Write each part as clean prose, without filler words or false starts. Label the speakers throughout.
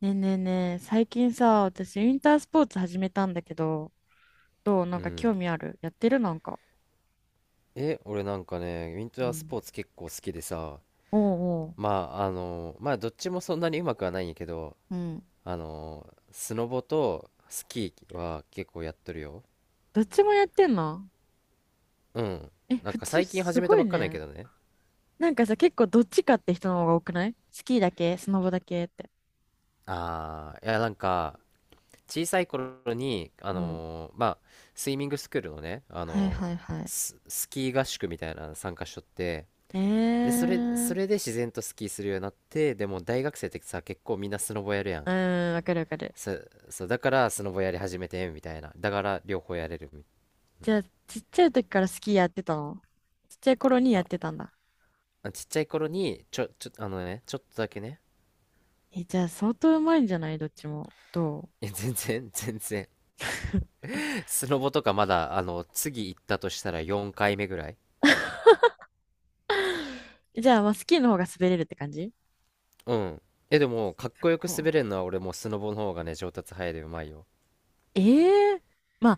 Speaker 1: ねえねえねえ、最近さ、私、ウィンタースポーツ始めたんだけど、どうな
Speaker 2: う
Speaker 1: んか
Speaker 2: ん。
Speaker 1: 興味あるやってるなんか。
Speaker 2: 俺なんかね、ウィン
Speaker 1: う
Speaker 2: タース
Speaker 1: ん。
Speaker 2: ポーツ結構好きでさ、
Speaker 1: おう
Speaker 2: ま
Speaker 1: お
Speaker 2: まあ、どっちもそんなにうまくはないんやけど、
Speaker 1: う。うん。
Speaker 2: スノボとスキーは結構やっとるよ。
Speaker 1: どっちもやってんの？
Speaker 2: うん。
Speaker 1: え、
Speaker 2: なん
Speaker 1: 普
Speaker 2: か
Speaker 1: 通、
Speaker 2: 最近
Speaker 1: す
Speaker 2: 始め
Speaker 1: ご
Speaker 2: た
Speaker 1: い
Speaker 2: ばっかなんやけ
Speaker 1: ね。
Speaker 2: どね。
Speaker 1: なんかさ、結構どっちかって人の方が多くないスキーだけスノボだけって。
Speaker 2: ああ、いや、なんか、小さい頃に、あ
Speaker 1: うん。
Speaker 2: のーまあ、スイミングスクールのね、
Speaker 1: はいはいはい。
Speaker 2: スキー合宿みたいなの参加しとって、
Speaker 1: え
Speaker 2: で、それ、そ
Speaker 1: ー。
Speaker 2: れで自然とスキーするようになって、でも大学生ってさ、結構みんなスノボやるやん。
Speaker 1: うん、わかるわかる。
Speaker 2: そう、そう、だからスノボやり始めてみたいな。だから両方やれるみ。
Speaker 1: じゃあ、ちっちゃい時からスキーやってたの？ちっちゃい頃にやっ
Speaker 2: あ、
Speaker 1: てたんだ。
Speaker 2: あ、ちっちゃい頃に、ちょ、ちょ、あのね、ちょっとだけね。
Speaker 1: え、じゃあ、相当うまいんじゃない？どっちも。ど
Speaker 2: いや全然、全然。スノボとかまだ、次行ったとしたら4回目ぐらい。
Speaker 1: うじゃあ、まあ、スキーの方が滑れるって感じ？
Speaker 2: うん。でも、かっこよく
Speaker 1: こ
Speaker 2: 滑れるのは俺もうスノボの方がね、上達早いでうまいよ。
Speaker 1: うええま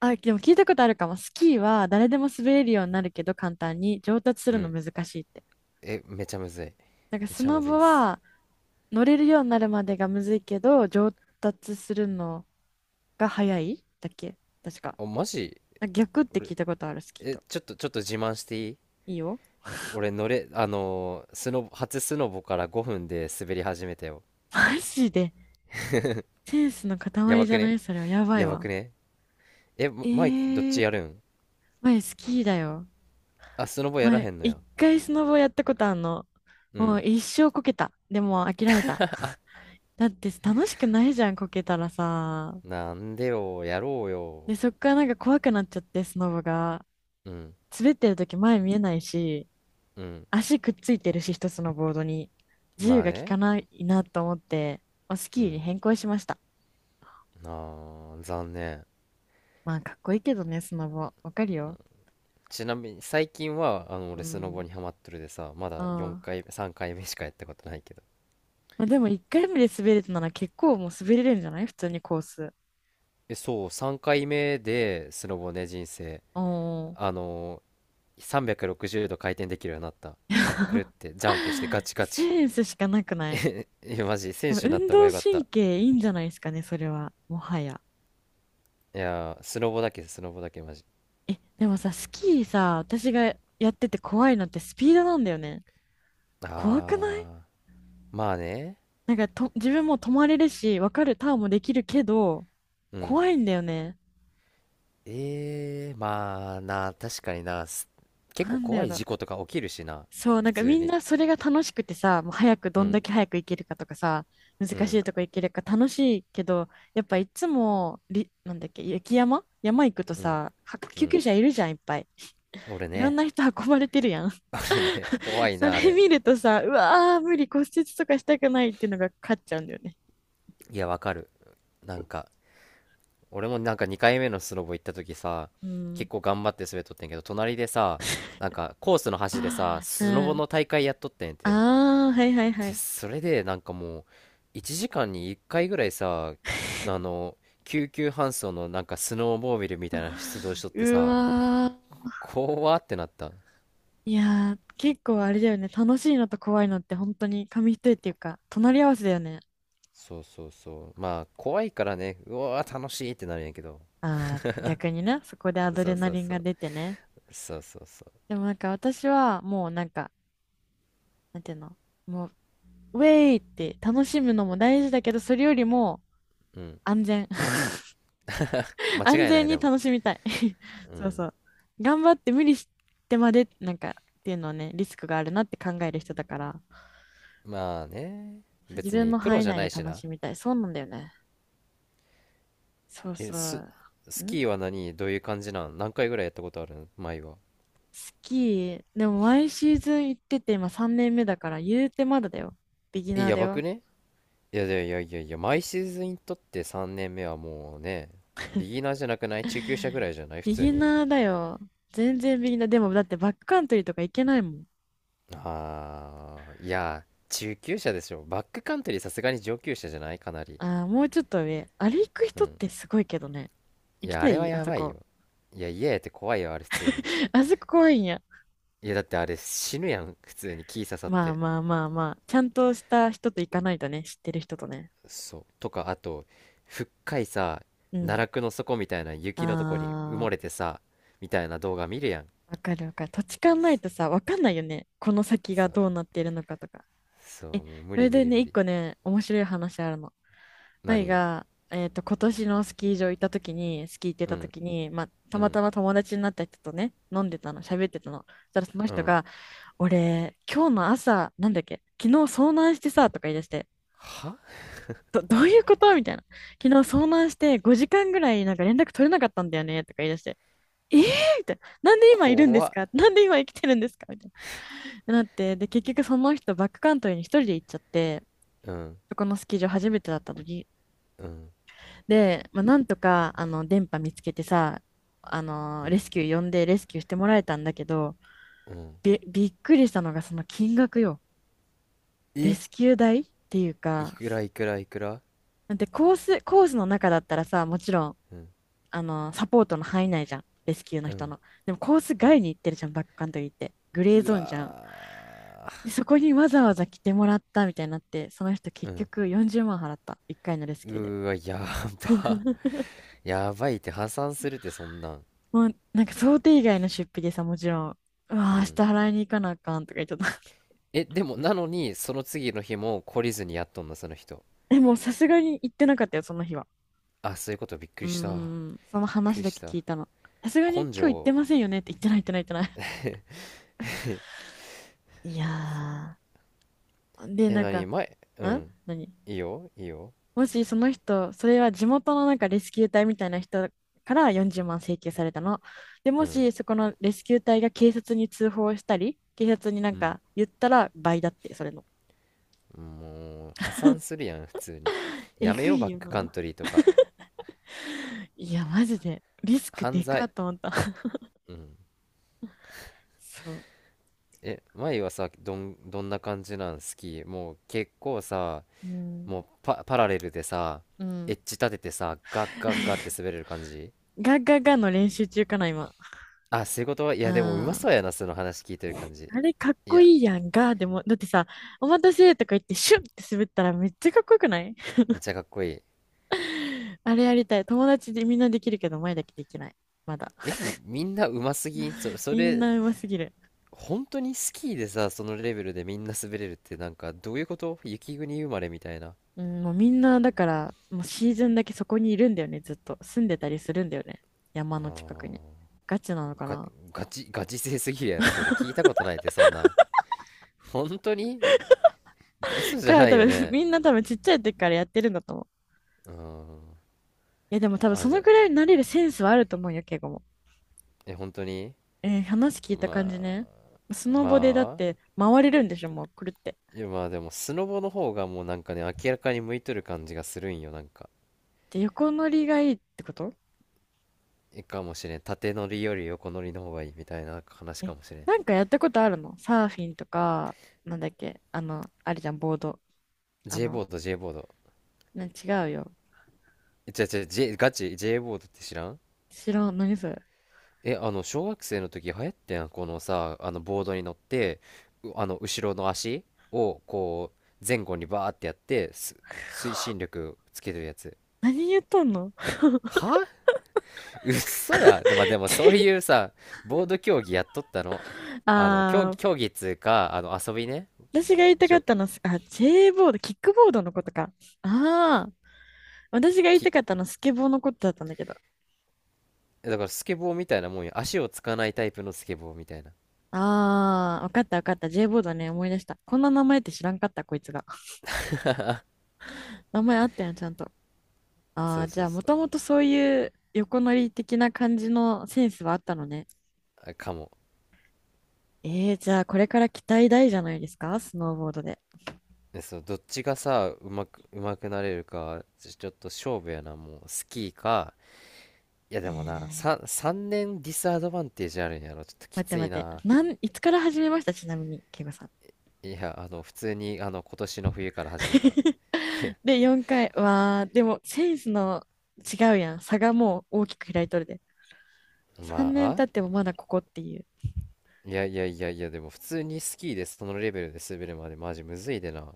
Speaker 1: あ、あ、でも聞いたことあるかも。スキーは誰でも滑れるようになるけど簡単に上達す
Speaker 2: う
Speaker 1: るの
Speaker 2: ん。
Speaker 1: 難しいって。
Speaker 2: めちゃむずい。
Speaker 1: なんか
Speaker 2: め
Speaker 1: ス
Speaker 2: ちゃ
Speaker 1: ノ
Speaker 2: むずい
Speaker 1: ボ
Speaker 2: っす。
Speaker 1: は乗れるようになるまでがむずいけど上達するのが早いだっけ確か。
Speaker 2: あ、マジ。
Speaker 1: なんか逆って聞
Speaker 2: 俺、
Speaker 1: いたことあるスキー
Speaker 2: え、
Speaker 1: と。
Speaker 2: ちょっと、ちょっと自慢していい？
Speaker 1: いいよ。
Speaker 2: 俺乗れ、あのースノボ、初スノボから5分で滑り始めたよ。
Speaker 1: マジで。センスの
Speaker 2: や
Speaker 1: 塊
Speaker 2: ば
Speaker 1: じ
Speaker 2: く
Speaker 1: ゃな
Speaker 2: ね？
Speaker 1: い？それはやばい
Speaker 2: やば
Speaker 1: わ。
Speaker 2: くね？
Speaker 1: え
Speaker 2: マイキ、どっち
Speaker 1: ー、
Speaker 2: やるん？
Speaker 1: 前スキーだよ。
Speaker 2: あ、スノボやらへ
Speaker 1: 前
Speaker 2: んの
Speaker 1: 一
Speaker 2: や。
Speaker 1: 回スノボやったことあんの。
Speaker 2: う
Speaker 1: もう
Speaker 2: ん。
Speaker 1: 一生こけた。でも諦めた。だって楽しくないじゃん、こけたらさ。
Speaker 2: なんでよ、やろうよ。
Speaker 1: で、そっから怖くなっちゃって、スノボが。
Speaker 2: うん、
Speaker 1: 滑ってる時前見えないし、
Speaker 2: うん。
Speaker 1: 足くっついてるし、一つのボードに。自由
Speaker 2: まあ
Speaker 1: が利
Speaker 2: ね。
Speaker 1: かないなと思って、まあス
Speaker 2: う
Speaker 1: キーに
Speaker 2: ん。
Speaker 1: 変更しました。
Speaker 2: あー、残念。
Speaker 1: まあ、かっこいいけどね、スノボ。わかるよ。
Speaker 2: ちなみに、最近は、
Speaker 1: う
Speaker 2: 俺スノボ
Speaker 1: ん。
Speaker 2: にハマっとるでさ、ま
Speaker 1: あ
Speaker 2: だ4
Speaker 1: あ。
Speaker 2: 回、3回目しかやったことないけど。
Speaker 1: まあ、でも、一回目で滑れたなら結構もう滑れるんじゃない？普通にコース。
Speaker 2: そう、3回目で、スノボね、人生。
Speaker 1: おー。
Speaker 2: あの360度回転できるようになった。くるってジャンプしてガ チガチ。
Speaker 1: センスしかなくない？
Speaker 2: え、マジ、
Speaker 1: で
Speaker 2: 選
Speaker 1: も
Speaker 2: 手になっ
Speaker 1: 運
Speaker 2: た方が
Speaker 1: 動
Speaker 2: よかっ
Speaker 1: 神
Speaker 2: た。
Speaker 1: 経いいんじゃないですかね、それは。もはや。
Speaker 2: いやー、スノボだけ、スノボだけマジ。
Speaker 1: え、でもさ、スキーさ、私がやってて怖いのってスピードなんだよね。怖くない？
Speaker 2: ああ、まあね。
Speaker 1: なんかと、自分も止まれるし、わかるターンもできるけど、
Speaker 2: うん。
Speaker 1: 怖いんだよね。
Speaker 2: ええーまあな、確かにな、結
Speaker 1: な
Speaker 2: 構
Speaker 1: んだ
Speaker 2: 怖
Speaker 1: や
Speaker 2: い事
Speaker 1: ろ。
Speaker 2: 故とか起きるしな、
Speaker 1: そう、
Speaker 2: 普通
Speaker 1: みん
Speaker 2: に。
Speaker 1: なそれが楽しくてさ、もう早く
Speaker 2: う
Speaker 1: どんだ
Speaker 2: ん、
Speaker 1: け早く行けるかとかさ、難
Speaker 2: う
Speaker 1: し
Speaker 2: ん、
Speaker 1: いとこ行けるか楽しいけど、やっぱいつも、り、なんだっけ、雪山行くと
Speaker 2: うん、
Speaker 1: さ、は
Speaker 2: う
Speaker 1: 救急
Speaker 2: ん。
Speaker 1: 車いるじゃん、いっぱい。
Speaker 2: 俺
Speaker 1: いろん
Speaker 2: ね、
Speaker 1: な人運ばれてるやん。
Speaker 2: 俺ね、怖 い
Speaker 1: そ
Speaker 2: な、あ
Speaker 1: れ
Speaker 2: れ。
Speaker 1: 見るとさ、うわー、無理、骨折とかしたくないっていうのが勝っちゃうんだよね。
Speaker 2: いや、わかる。なんか、俺もなんか2回目のスノボ行った時さ、
Speaker 1: うん。
Speaker 2: 結構頑張って滑っとってんけど、隣でさ、なんかコースの端でさ、
Speaker 1: う
Speaker 2: スノボの
Speaker 1: ん。
Speaker 2: 大会やっとってんて。
Speaker 1: ああ、はいはいは
Speaker 2: で、
Speaker 1: い。
Speaker 2: それでなんかもう、1時間に1回ぐらいさ、あの、救急搬送のなんかスノーモービルみたいな出動しとって
Speaker 1: う
Speaker 2: さ、
Speaker 1: わー。
Speaker 2: 怖ってなった。
Speaker 1: いやー、結構あれだよね。楽しいのと怖いのって本当に紙一重っていうか、隣り合わせだよね。
Speaker 2: そうそうそう。まあ、怖いからね、うわー楽しいってなるんやけど。
Speaker 1: ああ、逆にね、そこでアド
Speaker 2: そ
Speaker 1: レ
Speaker 2: う
Speaker 1: ナ
Speaker 2: そう
Speaker 1: リン
Speaker 2: そ
Speaker 1: が
Speaker 2: う。
Speaker 1: 出てね。
Speaker 2: そうそうそ
Speaker 1: でも私はもう、なんていうの、もう、ウェイって楽しむのも大事だけど、それよりも
Speaker 2: う。うん。
Speaker 1: 安全。
Speaker 2: 間
Speaker 1: 安
Speaker 2: 違いな
Speaker 1: 全
Speaker 2: い、で
Speaker 1: に
Speaker 2: も。
Speaker 1: 楽しみたい。
Speaker 2: う
Speaker 1: そう
Speaker 2: ん。
Speaker 1: そう。頑張って無理してまで、なんか、っていうのはね、リスクがあるなって考える人だから、
Speaker 2: まあね。
Speaker 1: そう自
Speaker 2: 別
Speaker 1: 分
Speaker 2: に
Speaker 1: の
Speaker 2: プロ
Speaker 1: 範囲
Speaker 2: じゃ
Speaker 1: 内
Speaker 2: な
Speaker 1: で
Speaker 2: いし
Speaker 1: 楽
Speaker 2: な。
Speaker 1: しみたい。そうなんだよね。そう
Speaker 2: え、
Speaker 1: そ
Speaker 2: ス、
Speaker 1: う。
Speaker 2: ス
Speaker 1: ん
Speaker 2: キーは、何どういう感じなん？何回ぐらいやったことあるん、前は？
Speaker 1: スキー、でも毎シーズン行ってて、今3年目だから、言うてまだだよ。ビギナー
Speaker 2: や
Speaker 1: だ
Speaker 2: ばく
Speaker 1: よ。
Speaker 2: ね？いやいやいやいやいや、毎シーズンにとって3年目はもうね、ビギナーじゃなくない？中級者ぐら いじゃない、普
Speaker 1: ビ
Speaker 2: 通
Speaker 1: ギ
Speaker 2: に。
Speaker 1: ナーだよ。全然ビギナー。でも、だってバックカントリーとか行けないもん。
Speaker 2: ああ、いや、中級者でしょ。バックカントリー、さすがに上級者じゃない？かなり。
Speaker 1: ああ、もうちょっと上。あれ行く
Speaker 2: う
Speaker 1: 人っ
Speaker 2: ん。
Speaker 1: てすごいけどね。
Speaker 2: い
Speaker 1: 行き
Speaker 2: や、あ
Speaker 1: た
Speaker 2: れは
Speaker 1: いあ
Speaker 2: や
Speaker 1: そ
Speaker 2: ばい
Speaker 1: こ。
Speaker 2: よ。いや、家やって怖いよ、あれ普通に。
Speaker 1: あそこ怖いんや。
Speaker 2: いや、だってあれ死ぬやん、普通に木刺さっ
Speaker 1: まあ
Speaker 2: て。
Speaker 1: まあまあまあ、ちゃんとした人と行かないとね、知ってる人とね。
Speaker 2: そう。とか、あと、深いさ、
Speaker 1: う
Speaker 2: 奈
Speaker 1: ん。
Speaker 2: 落の底みたいな雪のとこに埋
Speaker 1: あ
Speaker 2: もれて
Speaker 1: あ、
Speaker 2: さ、みたいな動画見るやん。
Speaker 1: わかるわかる。土地勘ないとさ、わかんないよね。この先が
Speaker 2: そう。
Speaker 1: どうなっているのかとか。
Speaker 2: そ
Speaker 1: え、
Speaker 2: う、もう無
Speaker 1: そ
Speaker 2: 理
Speaker 1: れ
Speaker 2: 無
Speaker 1: で
Speaker 2: 理
Speaker 1: ね、
Speaker 2: 無
Speaker 1: 一
Speaker 2: 理。
Speaker 1: 個ね、面白い話あるの。舞
Speaker 2: 何？
Speaker 1: が、今年のスキー場行った時に、スキー行って
Speaker 2: う
Speaker 1: た
Speaker 2: ん、
Speaker 1: 時に、まあ、
Speaker 2: う
Speaker 1: たま
Speaker 2: ん、
Speaker 1: たま友達になった人とね、飲んでたの、喋ってたの。そしたらその
Speaker 2: う
Speaker 1: 人
Speaker 2: ん。
Speaker 1: が、俺、今日の朝、なんだっけ、昨日遭難してさ、とか言い出して、
Speaker 2: は？
Speaker 1: どういうことみたいな。昨日遭難して5時間ぐらい連絡取れなかったんだよねとか言い出して、えーみたいな。なんで今いるんで
Speaker 2: 怖
Speaker 1: す
Speaker 2: っ。
Speaker 1: か？なんで今生きてるんですか？みたいな。なって、で、結局その人バックカントリーに一人で行っちゃって、
Speaker 2: うん、
Speaker 1: そこのスキー場初めてだった時。
Speaker 2: うん、
Speaker 1: で、まあ、なんとか、電波見つけてさ、
Speaker 2: う
Speaker 1: レ
Speaker 2: ん、
Speaker 1: スキュー呼んでレスキューしてもらえたんだけど、
Speaker 2: うん。
Speaker 1: びっくりしたのがその金額よ。レ
Speaker 2: え、
Speaker 1: スキュー代っていう
Speaker 2: い
Speaker 1: か、
Speaker 2: くら、いくら、いくら？
Speaker 1: だってコースの中だったらさ、もちろん、
Speaker 2: うん、
Speaker 1: サポートの範囲内じゃん。レスキューの
Speaker 2: う
Speaker 1: 人
Speaker 2: ん、
Speaker 1: の。でもコース
Speaker 2: うん。
Speaker 1: 外に行ってるじゃん、バックカントリーって。グレー
Speaker 2: う
Speaker 1: ゾーンじゃん。
Speaker 2: わ
Speaker 1: で、そこにわざわざ来てもらったみたいになって、その人
Speaker 2: ー。う
Speaker 1: 結
Speaker 2: ん。
Speaker 1: 局40万払った。1回のレス
Speaker 2: う
Speaker 1: キューで。
Speaker 2: ーわ。やば やばいって。破産するってそんなん。
Speaker 1: もう想定以外の出費でさ、もちろん、うわ
Speaker 2: う
Speaker 1: ー、明日
Speaker 2: ん。
Speaker 1: 払いに行かなあかんとか言っちゃった。
Speaker 2: え、でも、なのにその次の日も懲りずにやっとんな、その人？
Speaker 1: でもさすがに行ってなかったよ、その日は。
Speaker 2: あ、そういうこと。びっく
Speaker 1: う
Speaker 2: り
Speaker 1: ー
Speaker 2: した、びっ
Speaker 1: ん、その
Speaker 2: く
Speaker 1: 話
Speaker 2: り
Speaker 1: だ
Speaker 2: し
Speaker 1: け
Speaker 2: た。
Speaker 1: 聞いたの。さすがに
Speaker 2: 根
Speaker 1: 今日行って
Speaker 2: 性。
Speaker 1: ませんよねって言ってない、言ってない、言ってない。いやー。で、
Speaker 2: え？
Speaker 1: なん
Speaker 2: 何？
Speaker 1: か、
Speaker 2: 前？う
Speaker 1: ん
Speaker 2: ん。
Speaker 1: 何
Speaker 2: いいよ、いいよ。
Speaker 1: もしその人、それは地元のなんかレスキュー隊みたいな人から40万請求されたの。で、
Speaker 2: う
Speaker 1: も
Speaker 2: ん、
Speaker 1: しそこのレスキュー隊が警察に通報したり、警察になん
Speaker 2: うん。
Speaker 1: か言ったら倍だって、それの。
Speaker 2: もう破産するやん、普通に。
Speaker 1: え
Speaker 2: やめ
Speaker 1: ぐ
Speaker 2: よう
Speaker 1: い
Speaker 2: バッ
Speaker 1: よ
Speaker 2: クカン
Speaker 1: な。
Speaker 2: トリーとか。
Speaker 1: いや、マジで。リスク
Speaker 2: 犯
Speaker 1: でかー
Speaker 2: 罪。
Speaker 1: と思った。
Speaker 2: うん。
Speaker 1: そう。
Speaker 2: え、前はさ、どんな感じなん？好き？もう結構さ、
Speaker 1: うん。
Speaker 2: もうパラレルでさ、
Speaker 1: う
Speaker 2: エ
Speaker 1: ん。
Speaker 2: ッジ立ててさ、ガッガッガッって 滑れる感じ？
Speaker 1: ガガガの練習中かな、今。
Speaker 2: あ、仕事はい
Speaker 1: うん。
Speaker 2: やでもうま
Speaker 1: あ
Speaker 2: そうやな、その話聞いてる感じ。
Speaker 1: れかっ
Speaker 2: い
Speaker 1: こ
Speaker 2: や、
Speaker 1: いいやん、ガーでも。だってさ、お待たせとか言ってシュッって滑ったらめっちゃかっこよくない？
Speaker 2: めっちゃかっこいい。
Speaker 1: あれやりたい。友達でみんなできるけど、前だけできない。まだ。
Speaker 2: え、みんなうますぎん？そ、そ
Speaker 1: みん
Speaker 2: れ
Speaker 1: なうますぎる。
Speaker 2: 本当にスキーでさ、そのレベルでみんな滑れるって、なんかどういうこと？雪国生まれみたいな。
Speaker 1: うん、もうみんな、だから、もうシーズンだけそこにいるんだよね、ずっと。住んでたりするんだよね。山
Speaker 2: あ
Speaker 1: の近くに。
Speaker 2: ー。
Speaker 1: ガチなのか
Speaker 2: が
Speaker 1: な。
Speaker 2: ガチ、ガチ勢すぎるやろ、それ。聞いたことないって、そんな。本当に、嘘じゃ
Speaker 1: か、
Speaker 2: な
Speaker 1: 多
Speaker 2: いよ
Speaker 1: 分、
Speaker 2: ね。
Speaker 1: みんな多分ちっちゃい時からやってるんだと思う。
Speaker 2: うん。
Speaker 1: いや、でも多分
Speaker 2: あ、
Speaker 1: そ
Speaker 2: じゃ
Speaker 1: の
Speaker 2: あ、
Speaker 1: くらいになれるセンスはあると思うよ、敬語も。
Speaker 2: 本当に？
Speaker 1: えー話聞いた感じ
Speaker 2: ま
Speaker 1: ね。ス
Speaker 2: あ、
Speaker 1: ノボでだっ
Speaker 2: まあ、
Speaker 1: て回れるんでしょ、もうくるって。
Speaker 2: いやまあでも、スノボの方がもうなんかね、明らかに向いとる感じがするんよ、なんか。
Speaker 1: で、横乗りがいいってこと？
Speaker 2: かもしれん。縦乗りより横乗りの方がいいみたいな話
Speaker 1: え、
Speaker 2: かもしれん。
Speaker 1: なんかやったことあるのサーフィンとか、なんだっけあの、あれじゃん、ボード。あ
Speaker 2: J ボ
Speaker 1: の、
Speaker 2: ード、J ボード。
Speaker 1: 違うよ。
Speaker 2: え、違う違う、ガチ、J ボードって知らん
Speaker 1: 知らん。何それ。
Speaker 2: え、あの、小学生の時流行ってん、このさ、ボードに乗って、うあの、後ろの足を、こう、前後にバーってやって、推進力つけてるやつ。
Speaker 1: 何言っとんの？
Speaker 2: は、嘘や。で、まあ、でも、そういう さ、ボード競技やっとったの。競、
Speaker 1: あー、
Speaker 2: 競技っつうか、遊びね。
Speaker 1: 私が言いた
Speaker 2: し
Speaker 1: かっ
Speaker 2: ょ、
Speaker 1: たの、あ、J ボード、キックボードのことか。あー、私が言いた
Speaker 2: き、
Speaker 1: かったの、スケボーのことだったんだけど。
Speaker 2: だから、スケボーみたいなもんよ。足をつかないタイプのスケボーみたいな。
Speaker 1: あー、わかったわかった。J ボードね、思い出した。こんな名前って知らんかった、こいつが。名前あったやん、ちゃんと。
Speaker 2: そ
Speaker 1: あー、
Speaker 2: う
Speaker 1: じ
Speaker 2: そ
Speaker 1: ゃ
Speaker 2: う
Speaker 1: あ、
Speaker 2: そ
Speaker 1: も
Speaker 2: う。
Speaker 1: ともとそういう横乗り的な感じのセンスはあったのね。
Speaker 2: あ、かも。
Speaker 1: えー、じゃあ、これから期待大じゃないですかスノーボードで。
Speaker 2: で、そう、どっちがさ、うまくなれるか、ちょっと勝負やな、もう。スキーか、いや
Speaker 1: え
Speaker 2: で
Speaker 1: ー、
Speaker 2: もな、3年ディスアドバンテージあるんやろ。ちょっとき
Speaker 1: 待って
Speaker 2: つ
Speaker 1: 待
Speaker 2: い
Speaker 1: って。
Speaker 2: な。
Speaker 1: なん、いつから始めましたちなみに、ケイゴさん。
Speaker 2: いや、普通に、今年の冬から始めた。
Speaker 1: で、4回。わー、でも、センスの違うやん。差がもう大きく開いとるで。
Speaker 2: ま
Speaker 1: 3年経
Speaker 2: あ、
Speaker 1: ってもまだここっていう。
Speaker 2: いやいやいやいや、でも普通にスキーでそのレベルで滑るまでマジむずいでな。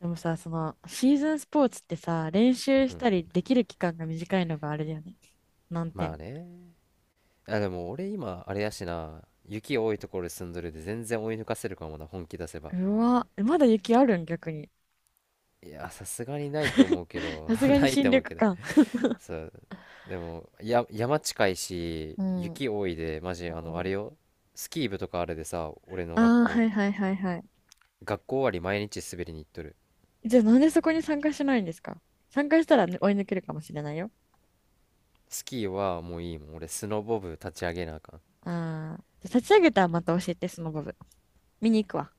Speaker 1: でもさ、その、シーズンスポーツってさ、練習
Speaker 2: う
Speaker 1: し
Speaker 2: ん。
Speaker 1: たりできる期間が短いのがあれだよね。難
Speaker 2: まあ
Speaker 1: 点。
Speaker 2: ね。あ、でも俺今、あれやしな。雪多いところで住んどるで全然追い抜かせるかもな、本気出せば。
Speaker 1: うわ、まだ雪あるん逆に。
Speaker 2: いや、さすがにないと 思うけど、
Speaker 1: さすが
Speaker 2: な
Speaker 1: に
Speaker 2: い
Speaker 1: 新
Speaker 2: と思
Speaker 1: 緑
Speaker 2: うけど。
Speaker 1: か。
Speaker 2: そう、でもや、山近いし
Speaker 1: うん。
Speaker 2: 雪多いで、マジ、あ
Speaker 1: あ
Speaker 2: れよ、スキー部とかあれでさ、俺の学
Speaker 1: あー、は
Speaker 2: 校、
Speaker 1: いはいはいはい。
Speaker 2: 学校終わり毎日滑りに行っとる。
Speaker 1: じゃあなんでそこに参加しないんですか？参加したらね追い抜けるかもしれないよ。
Speaker 2: スキーはもういいもん。俺スノボ部立ち上げなあかん。
Speaker 1: ああ。じゃあ立ち上げたらまた教えて、その部分。見に行くわ。